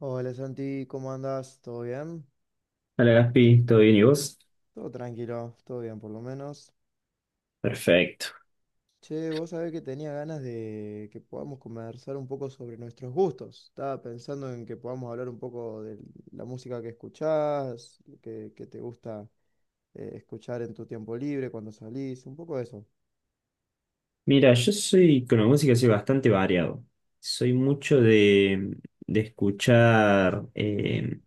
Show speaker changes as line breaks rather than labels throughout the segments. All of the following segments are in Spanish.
Hola Santi, ¿cómo andas? ¿Todo bien?
Hola Gaspi, ¿todo bien y vos?
Todo tranquilo, todo bien por lo menos.
Perfecto.
Che, vos sabés que tenía ganas de que podamos conversar un poco sobre nuestros gustos. Estaba pensando en que podamos hablar un poco de la música que escuchás, que te gusta escuchar en tu tiempo libre, cuando salís, un poco de eso.
Mira, yo soy con la música soy bastante variado. Soy mucho de escuchar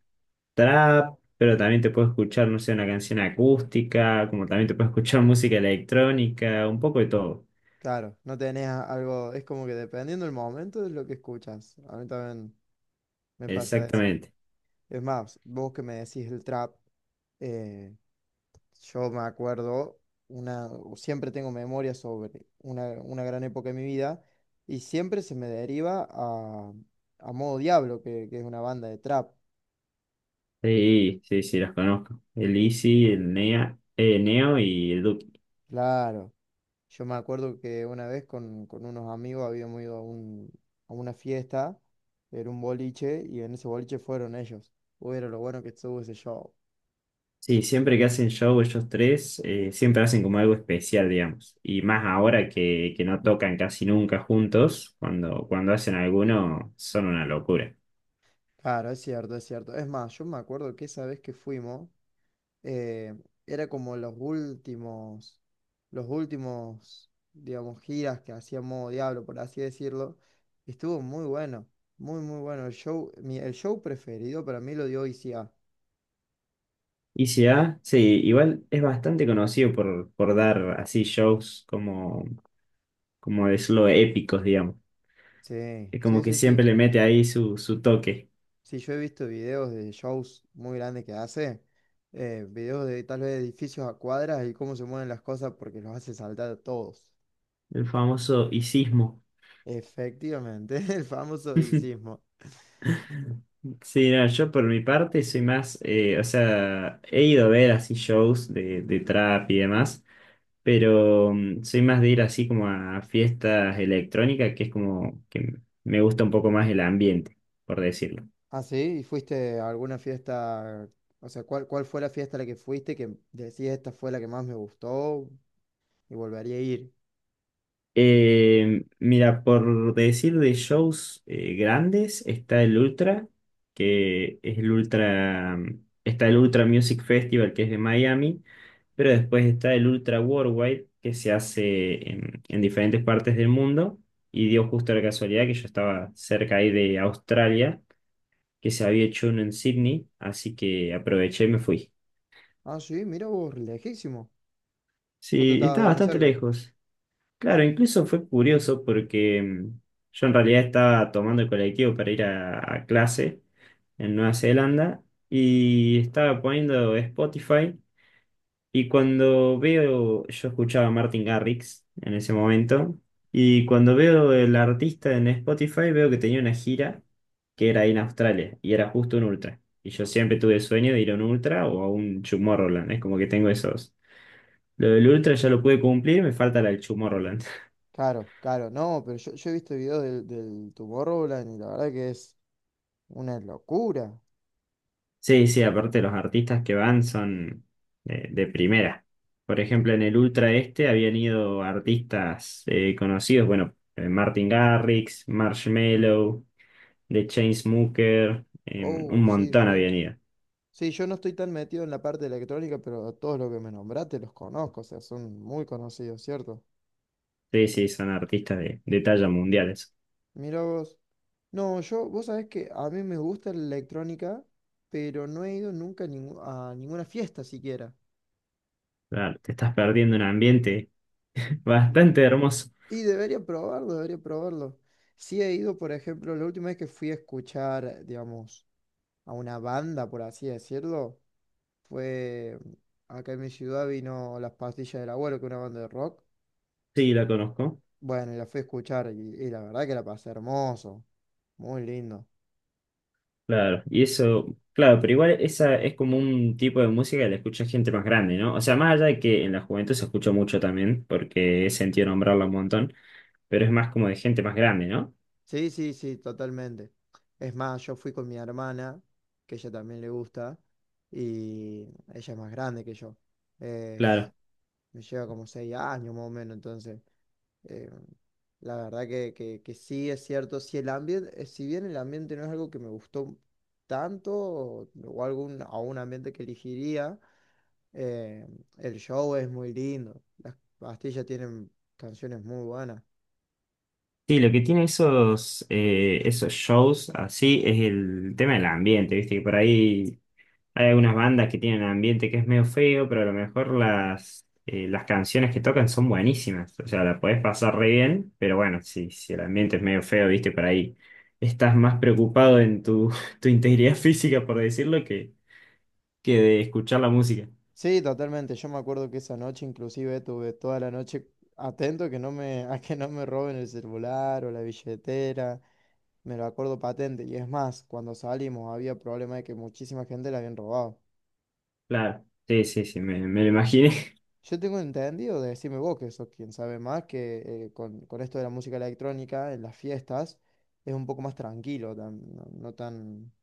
trap, pero también te puedo escuchar, no sé, una canción acústica, como también te puedo escuchar música electrónica, un poco de todo.
Claro, no tenés algo, es como que dependiendo del momento es lo que escuchas. A mí también me pasa eso.
Exactamente.
Es más, vos que me decís el trap. eh, Yo me acuerdo, una, siempre tengo memoria sobre una gran época de mi vida y siempre se me deriva a Modo Diablo, que es una banda de trap.
Sí, sí, sí, los conozco. El Easy, el Nea, Neo y el Duki.
Claro, yo me acuerdo que una vez con unos amigos habíamos ido a una fiesta, era un boliche y en ese boliche fueron ellos. Uy, era lo bueno que estuvo ese show.
Sí, siempre que hacen show ellos tres, siempre hacen como algo especial, digamos. Y más ahora que no tocan casi nunca juntos, cuando hacen alguno, son una locura.
Claro, es cierto, es cierto. Es más, yo me acuerdo que esa vez que fuimos. eh, Era como los últimos, digamos, giras que hacía Modo Diablo, por así decirlo. Y estuvo muy bueno, muy bueno. El show, el show preferido para mí lo dio ICA.
Y si A, sí, igual es bastante conocido por dar así shows como, como decirlo, épicos, digamos.
Sí,
Es como
sí,
que
sí, sí.
siempre le mete ahí su toque,
Sí, yo he visto videos de shows muy grandes que hace, videos de tal vez edificios a cuadras y cómo se mueven las cosas porque los hace saltar a todos.
el famoso icismo.
Efectivamente, el famoso sismo.
Sí, no, yo por mi parte soy más, o sea, he ido a ver así shows de trap y demás, pero soy más de ir así como a fiestas electrónicas, que es como que me gusta un poco más el ambiente, por decirlo.
Ah, sí, ¿y fuiste a alguna fiesta? O sea, ¿cuál fue la fiesta a la que fuiste que decís esta fue la que más me gustó y volvería a ir?
Mira, por decir de shows grandes, está el Ultra, que es el Ultra, está el Ultra Music Festival, que es de Miami, pero después está el Ultra Worldwide, que se hace en diferentes partes del mundo, y dio justo la casualidad que yo estaba cerca ahí de Australia, que se había hecho uno en Sydney, así que aproveché y me fui.
Ah, sí, mira vos, lejísimo. Justo
Sí,
estabas,
estaba
digamos,
bastante
cerca.
lejos. Claro, incluso fue curioso porque yo en realidad estaba tomando el colectivo para ir a clase en Nueva Zelanda y estaba poniendo Spotify. Y cuando veo, yo escuchaba a Martin Garrix en ese momento, y cuando veo el artista en Spotify veo que tenía una gira que era ahí en Australia, y era justo un ultra. Y yo siempre tuve el sueño de ir a un ultra o a un Tomorrowland, es como que tengo esos. Lo del ultra ya lo pude cumplir, me falta la del Tomorrowland.
Claro, claro, no, pero yo he visto videos del Tomorrowland y la verdad que es una locura.
Sí, sí, aparte los artistas que van son de, primera. Por
Te-
ejemplo, en el Ultra este habían ido artistas conocidos, bueno, Martin Garrix, Marshmello, de Chainsmokers, un
Oh, sí,
montón
sí.
habían ido.
Sí, yo no estoy tan metido en la parte de la electrónica, pero a todos los que me nombraste los conozco, o sea, son muy conocidos, ¿cierto?
Sí, sí, son artistas de talla mundiales.
Mira vos. No, yo, vos sabés que a mí me gusta la electrónica, pero no he ido nunca a ninguna fiesta siquiera.
Claro, te estás perdiendo un ambiente
De-
bastante hermoso.
Y debería probarlo, debería probarlo. Sí he ido, por ejemplo, la última vez que fui a escuchar, digamos, a una banda, por así decirlo, fue acá en mi ciudad vino Las Pastillas del Abuelo, que es una banda de rock.
Sí, la conozco.
Bueno, y la fui a escuchar y la verdad que la pasé hermoso, muy lindo.
Claro, y eso, claro, pero igual esa es como un tipo de música que la escucha gente más grande, ¿no? O sea, más allá de que en la juventud se escucha mucho también, porque he sentido nombrarla un montón, pero es más como de gente más grande, ¿no?
Sí, sí, sí, totalmente. Es más, yo fui con mi hermana, que ella también le gusta, y ella es más grande que yo. Es,
Claro.
me lleva como seis años más o menos, entonces, eh, la verdad que, que sí es cierto, si el ambiente, si bien el ambiente no es algo que me gustó tanto, o algún, a un ambiente que elegiría, eh, el show es muy lindo. Las pastillas tienen canciones muy buenas.
Sí, lo que tiene esos, esos shows así es el tema del ambiente, ¿viste? Que por ahí hay algunas bandas que tienen ambiente que es medio feo, pero a lo mejor las canciones que tocan son buenísimas. O sea, la podés pasar re bien, pero bueno, si el ambiente es medio feo, viste, por ahí estás más preocupado en tu, tu integridad física, por decirlo, que de escuchar la música.
Sí, totalmente. Yo me acuerdo que esa noche inclusive tuve toda la noche atento que no me, a que no me roben el celular o la billetera. Me lo acuerdo patente. Y es más, cuando salimos había problema de que muchísima gente la habían robado.
Claro, sí, sí, sí, me lo imaginé.
Yo tengo entendido, decime vos, que sos quien sabe más, que con esto de la música electrónica en las fiestas es un poco más tranquilo, no tan.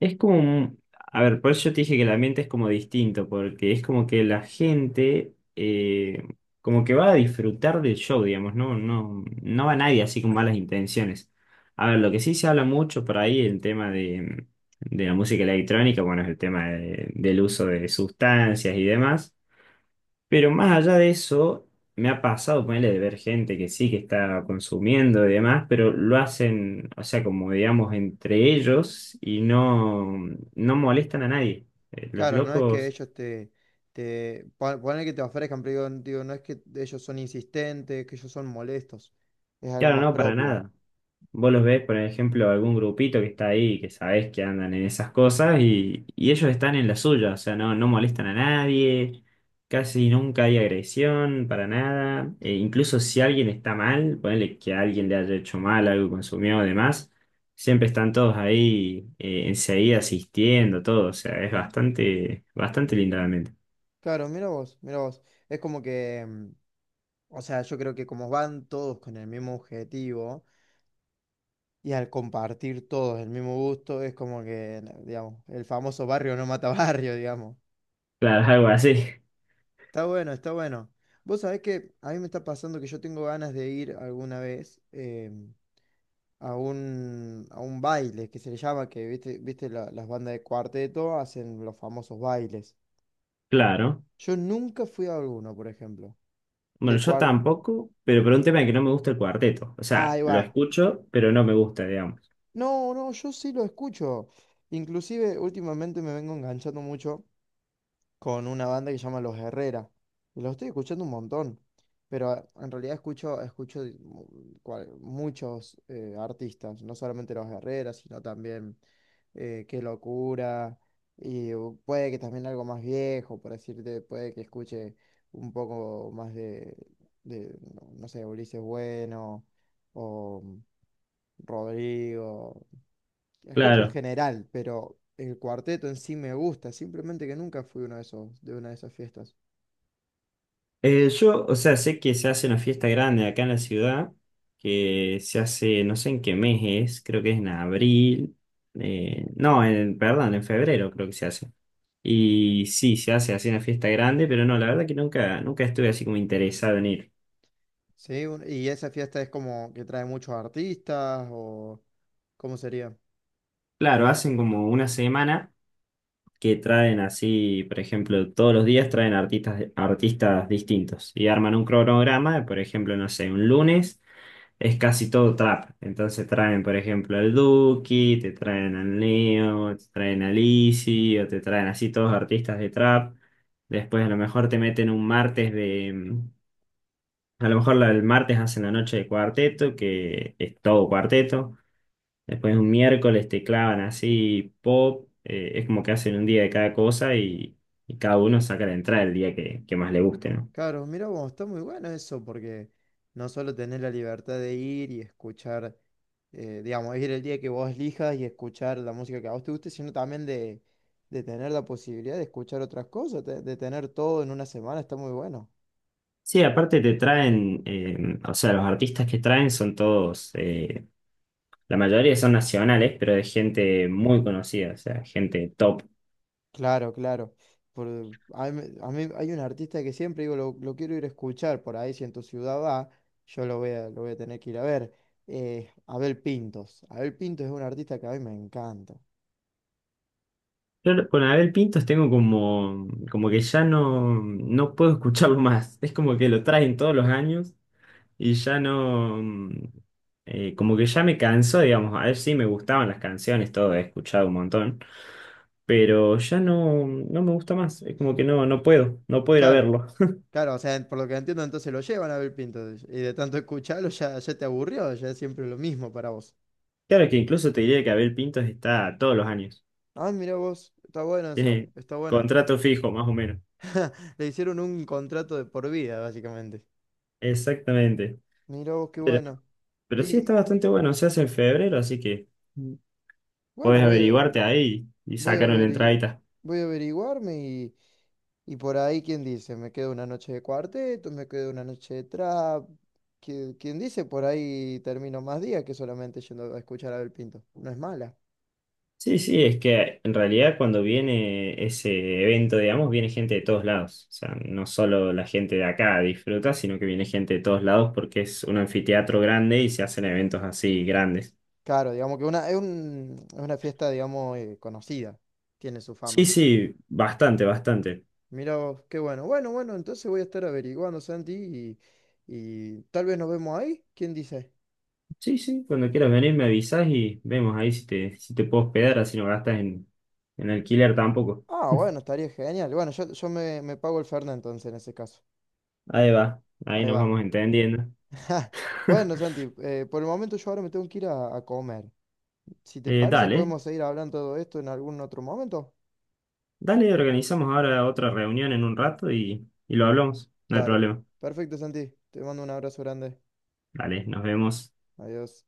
Es como, a ver, por eso yo te dije que el ambiente es como distinto, porque es como que la gente como que va a disfrutar del show, digamos, no, no, no va nadie así con malas intenciones. A ver, lo que sí se habla mucho por ahí, el tema de la música electrónica, bueno, es el tema del uso de sustancias y demás. Pero más allá de eso, me ha pasado ponerle de ver gente que sí que está consumiendo y demás, pero lo hacen, o sea, como digamos, entre ellos y no, no molestan a nadie. Los
Claro, no es que
locos,
ellos ponele que te ofrezcan, pero digo, no es que ellos son insistentes, que ellos son molestos, es algo
claro,
más
no, para
propio.
nada. Vos los ves, por ejemplo, algún grupito que está ahí, que sabés que andan en esas cosas y ellos están en la suya, o sea, no, no molestan a nadie, casi nunca hay agresión para nada, e incluso si alguien está mal, ponele que alguien le haya hecho mal, algo consumió, o demás, siempre están todos ahí enseguida asistiendo, todo, o sea, es bastante, bastante lindo realmente.
Claro, mira vos, mira vos. Es como que, o sea, yo creo que como van todos con el mismo objetivo y al compartir todos el mismo gusto, es como que digamos, el famoso barrio no mata barrio, digamos.
Claro, algo así,
Está bueno, está bueno. Vos sabés que a mí me está pasando que yo tengo ganas de ir alguna vez. A a un baile que se le llama, que viste, viste las bandas de cuarteto hacen los famosos bailes.
claro.
Yo nunca fui a alguno, por ejemplo. Y
Bueno,
el
yo
cuarteto.
tampoco, pero por un tema de que no me gusta el cuarteto. O sea,
Ahí
lo
va.
escucho, pero no me gusta, digamos.
No, no, yo sí lo escucho. Inclusive últimamente me vengo enganchando mucho con una banda que se llama Los Herrera. Y los estoy escuchando un montón, pero en realidad escucho, muchos artistas, no solamente Los Herrera, sino también Qué Locura, y puede que también algo más viejo, por decirte, puede que escuche un poco más de, no sé, Ulises Bueno o Rodrigo. La escucho en
Claro.
general, pero el cuarteto en sí me gusta, simplemente que nunca fui uno de esos, de una de esas fiestas.
Yo, o sea, sé que se hace una fiesta grande acá en la ciudad, que se hace, no sé en qué mes es, creo que es en abril, no, en, perdón, en febrero creo que se hace. Y sí, se hace así una fiesta grande, pero no, la verdad que nunca, nunca estuve así como interesado en ir.
Sí, y esa fiesta es como que trae muchos artistas o ¿cómo sería?
Claro, hacen como una semana que traen así, por ejemplo, todos los días traen artistas, artistas distintos y arman un cronograma, por ejemplo, no sé, un lunes es casi todo trap. Entonces traen, por ejemplo, al Duki, te traen al Neo, te traen a Lizzy, o te traen así todos artistas de trap. Después a lo mejor te meten un martes de a lo mejor el martes hacen la noche de cuarteto, que es todo cuarteto. Después un miércoles te clavan así pop. Es como que hacen un día de cada cosa y cada uno saca la entrada el día que más le guste, ¿no?
Claro, mira vos, está muy bueno eso porque no solo tenés la libertad de ir y escuchar, digamos, ir el día que vos elijas y escuchar la música que a vos te guste, sino también de tener la posibilidad de escuchar otras cosas, de tener todo en una semana, está muy bueno.
Sí, aparte te traen, o sea, los artistas que traen son todos, la mayoría son nacionales, pero de gente muy conocida, o sea, gente top.
Claro, claro. Por, a mí hay un artista que siempre digo, lo quiero ir a escuchar por ahí, si en tu ciudad va, yo lo voy a tener que ir a ver. Abel Pintos. Abel Pintos es un artista que a mí me encanta.
Yo con Abel Pintos tengo como, como que ya no, no puedo escucharlo más. Es como que lo traen todos los años y ya no, como que ya me cansó, digamos. A ver si me gustaban las canciones, todo, he escuchado un montón, pero ya no, no me gusta más. Es como que no, no puedo, no puedo ir a
Claro,
verlo.
claro, o sea, por lo que entiendo, entonces lo llevan a Abel Pintos. Y de tanto escucharlo ya, ya te aburrió, ya es siempre lo mismo para vos.
Claro que incluso te diría que Abel Pintos está todos los años.
Ah, mira vos, está bueno eso,
Tiene
está bueno.
contrato fijo, más o menos.
Le hicieron un contrato de por vida, básicamente.
Exactamente.
Mira vos, qué bueno.
Pero sí
Y
está bastante bueno, se hace en febrero, así que
bueno,
podés averiguarte ahí y
voy a
sacaron
averi-
entradita.
voy a averiguarme y por ahí, ¿quién dice? Me quedo una noche de cuarteto, me quedo una noche de trap. ¿Quién dice? Por ahí termino más días que solamente yendo a escuchar a Abel Pinto. No es mala.
Sí, sí, es que en realidad cuando viene ese evento, digamos, viene gente de todos lados. O sea, no solo la gente de acá disfruta, sino que viene gente de todos lados porque es un anfiteatro grande y se hacen eventos así grandes.
Claro, digamos que es una fiesta, digamos, conocida. Tiene su
Sí,
fama.
sí, bastante, bastante.
Mira vos, qué bueno. Bueno, bueno, entonces voy a estar averiguando, Santi, y tal vez nos vemos ahí. ¿Quién dice?
Sí, sí, cuando quieras venir me avisas y vemos ahí si te, si te puedo hospedar, así no gastas en alquiler tampoco.
Ah, bueno, estaría genial. Bueno, me pago el Fernet entonces en ese caso.
Ahí va, ahí
Ahí
nos
va.
vamos entendiendo.
Ja. Bueno, Santi, por el momento yo ahora me tengo que ir a comer. Si te parece,
Dale,
podemos seguir hablando de todo esto en algún otro momento.
dale, organizamos ahora otra reunión en un rato y lo hablamos. No hay
Dale.
problema.
Perfecto, Santi. Te mando un abrazo grande.
Dale, nos vemos.
Adiós.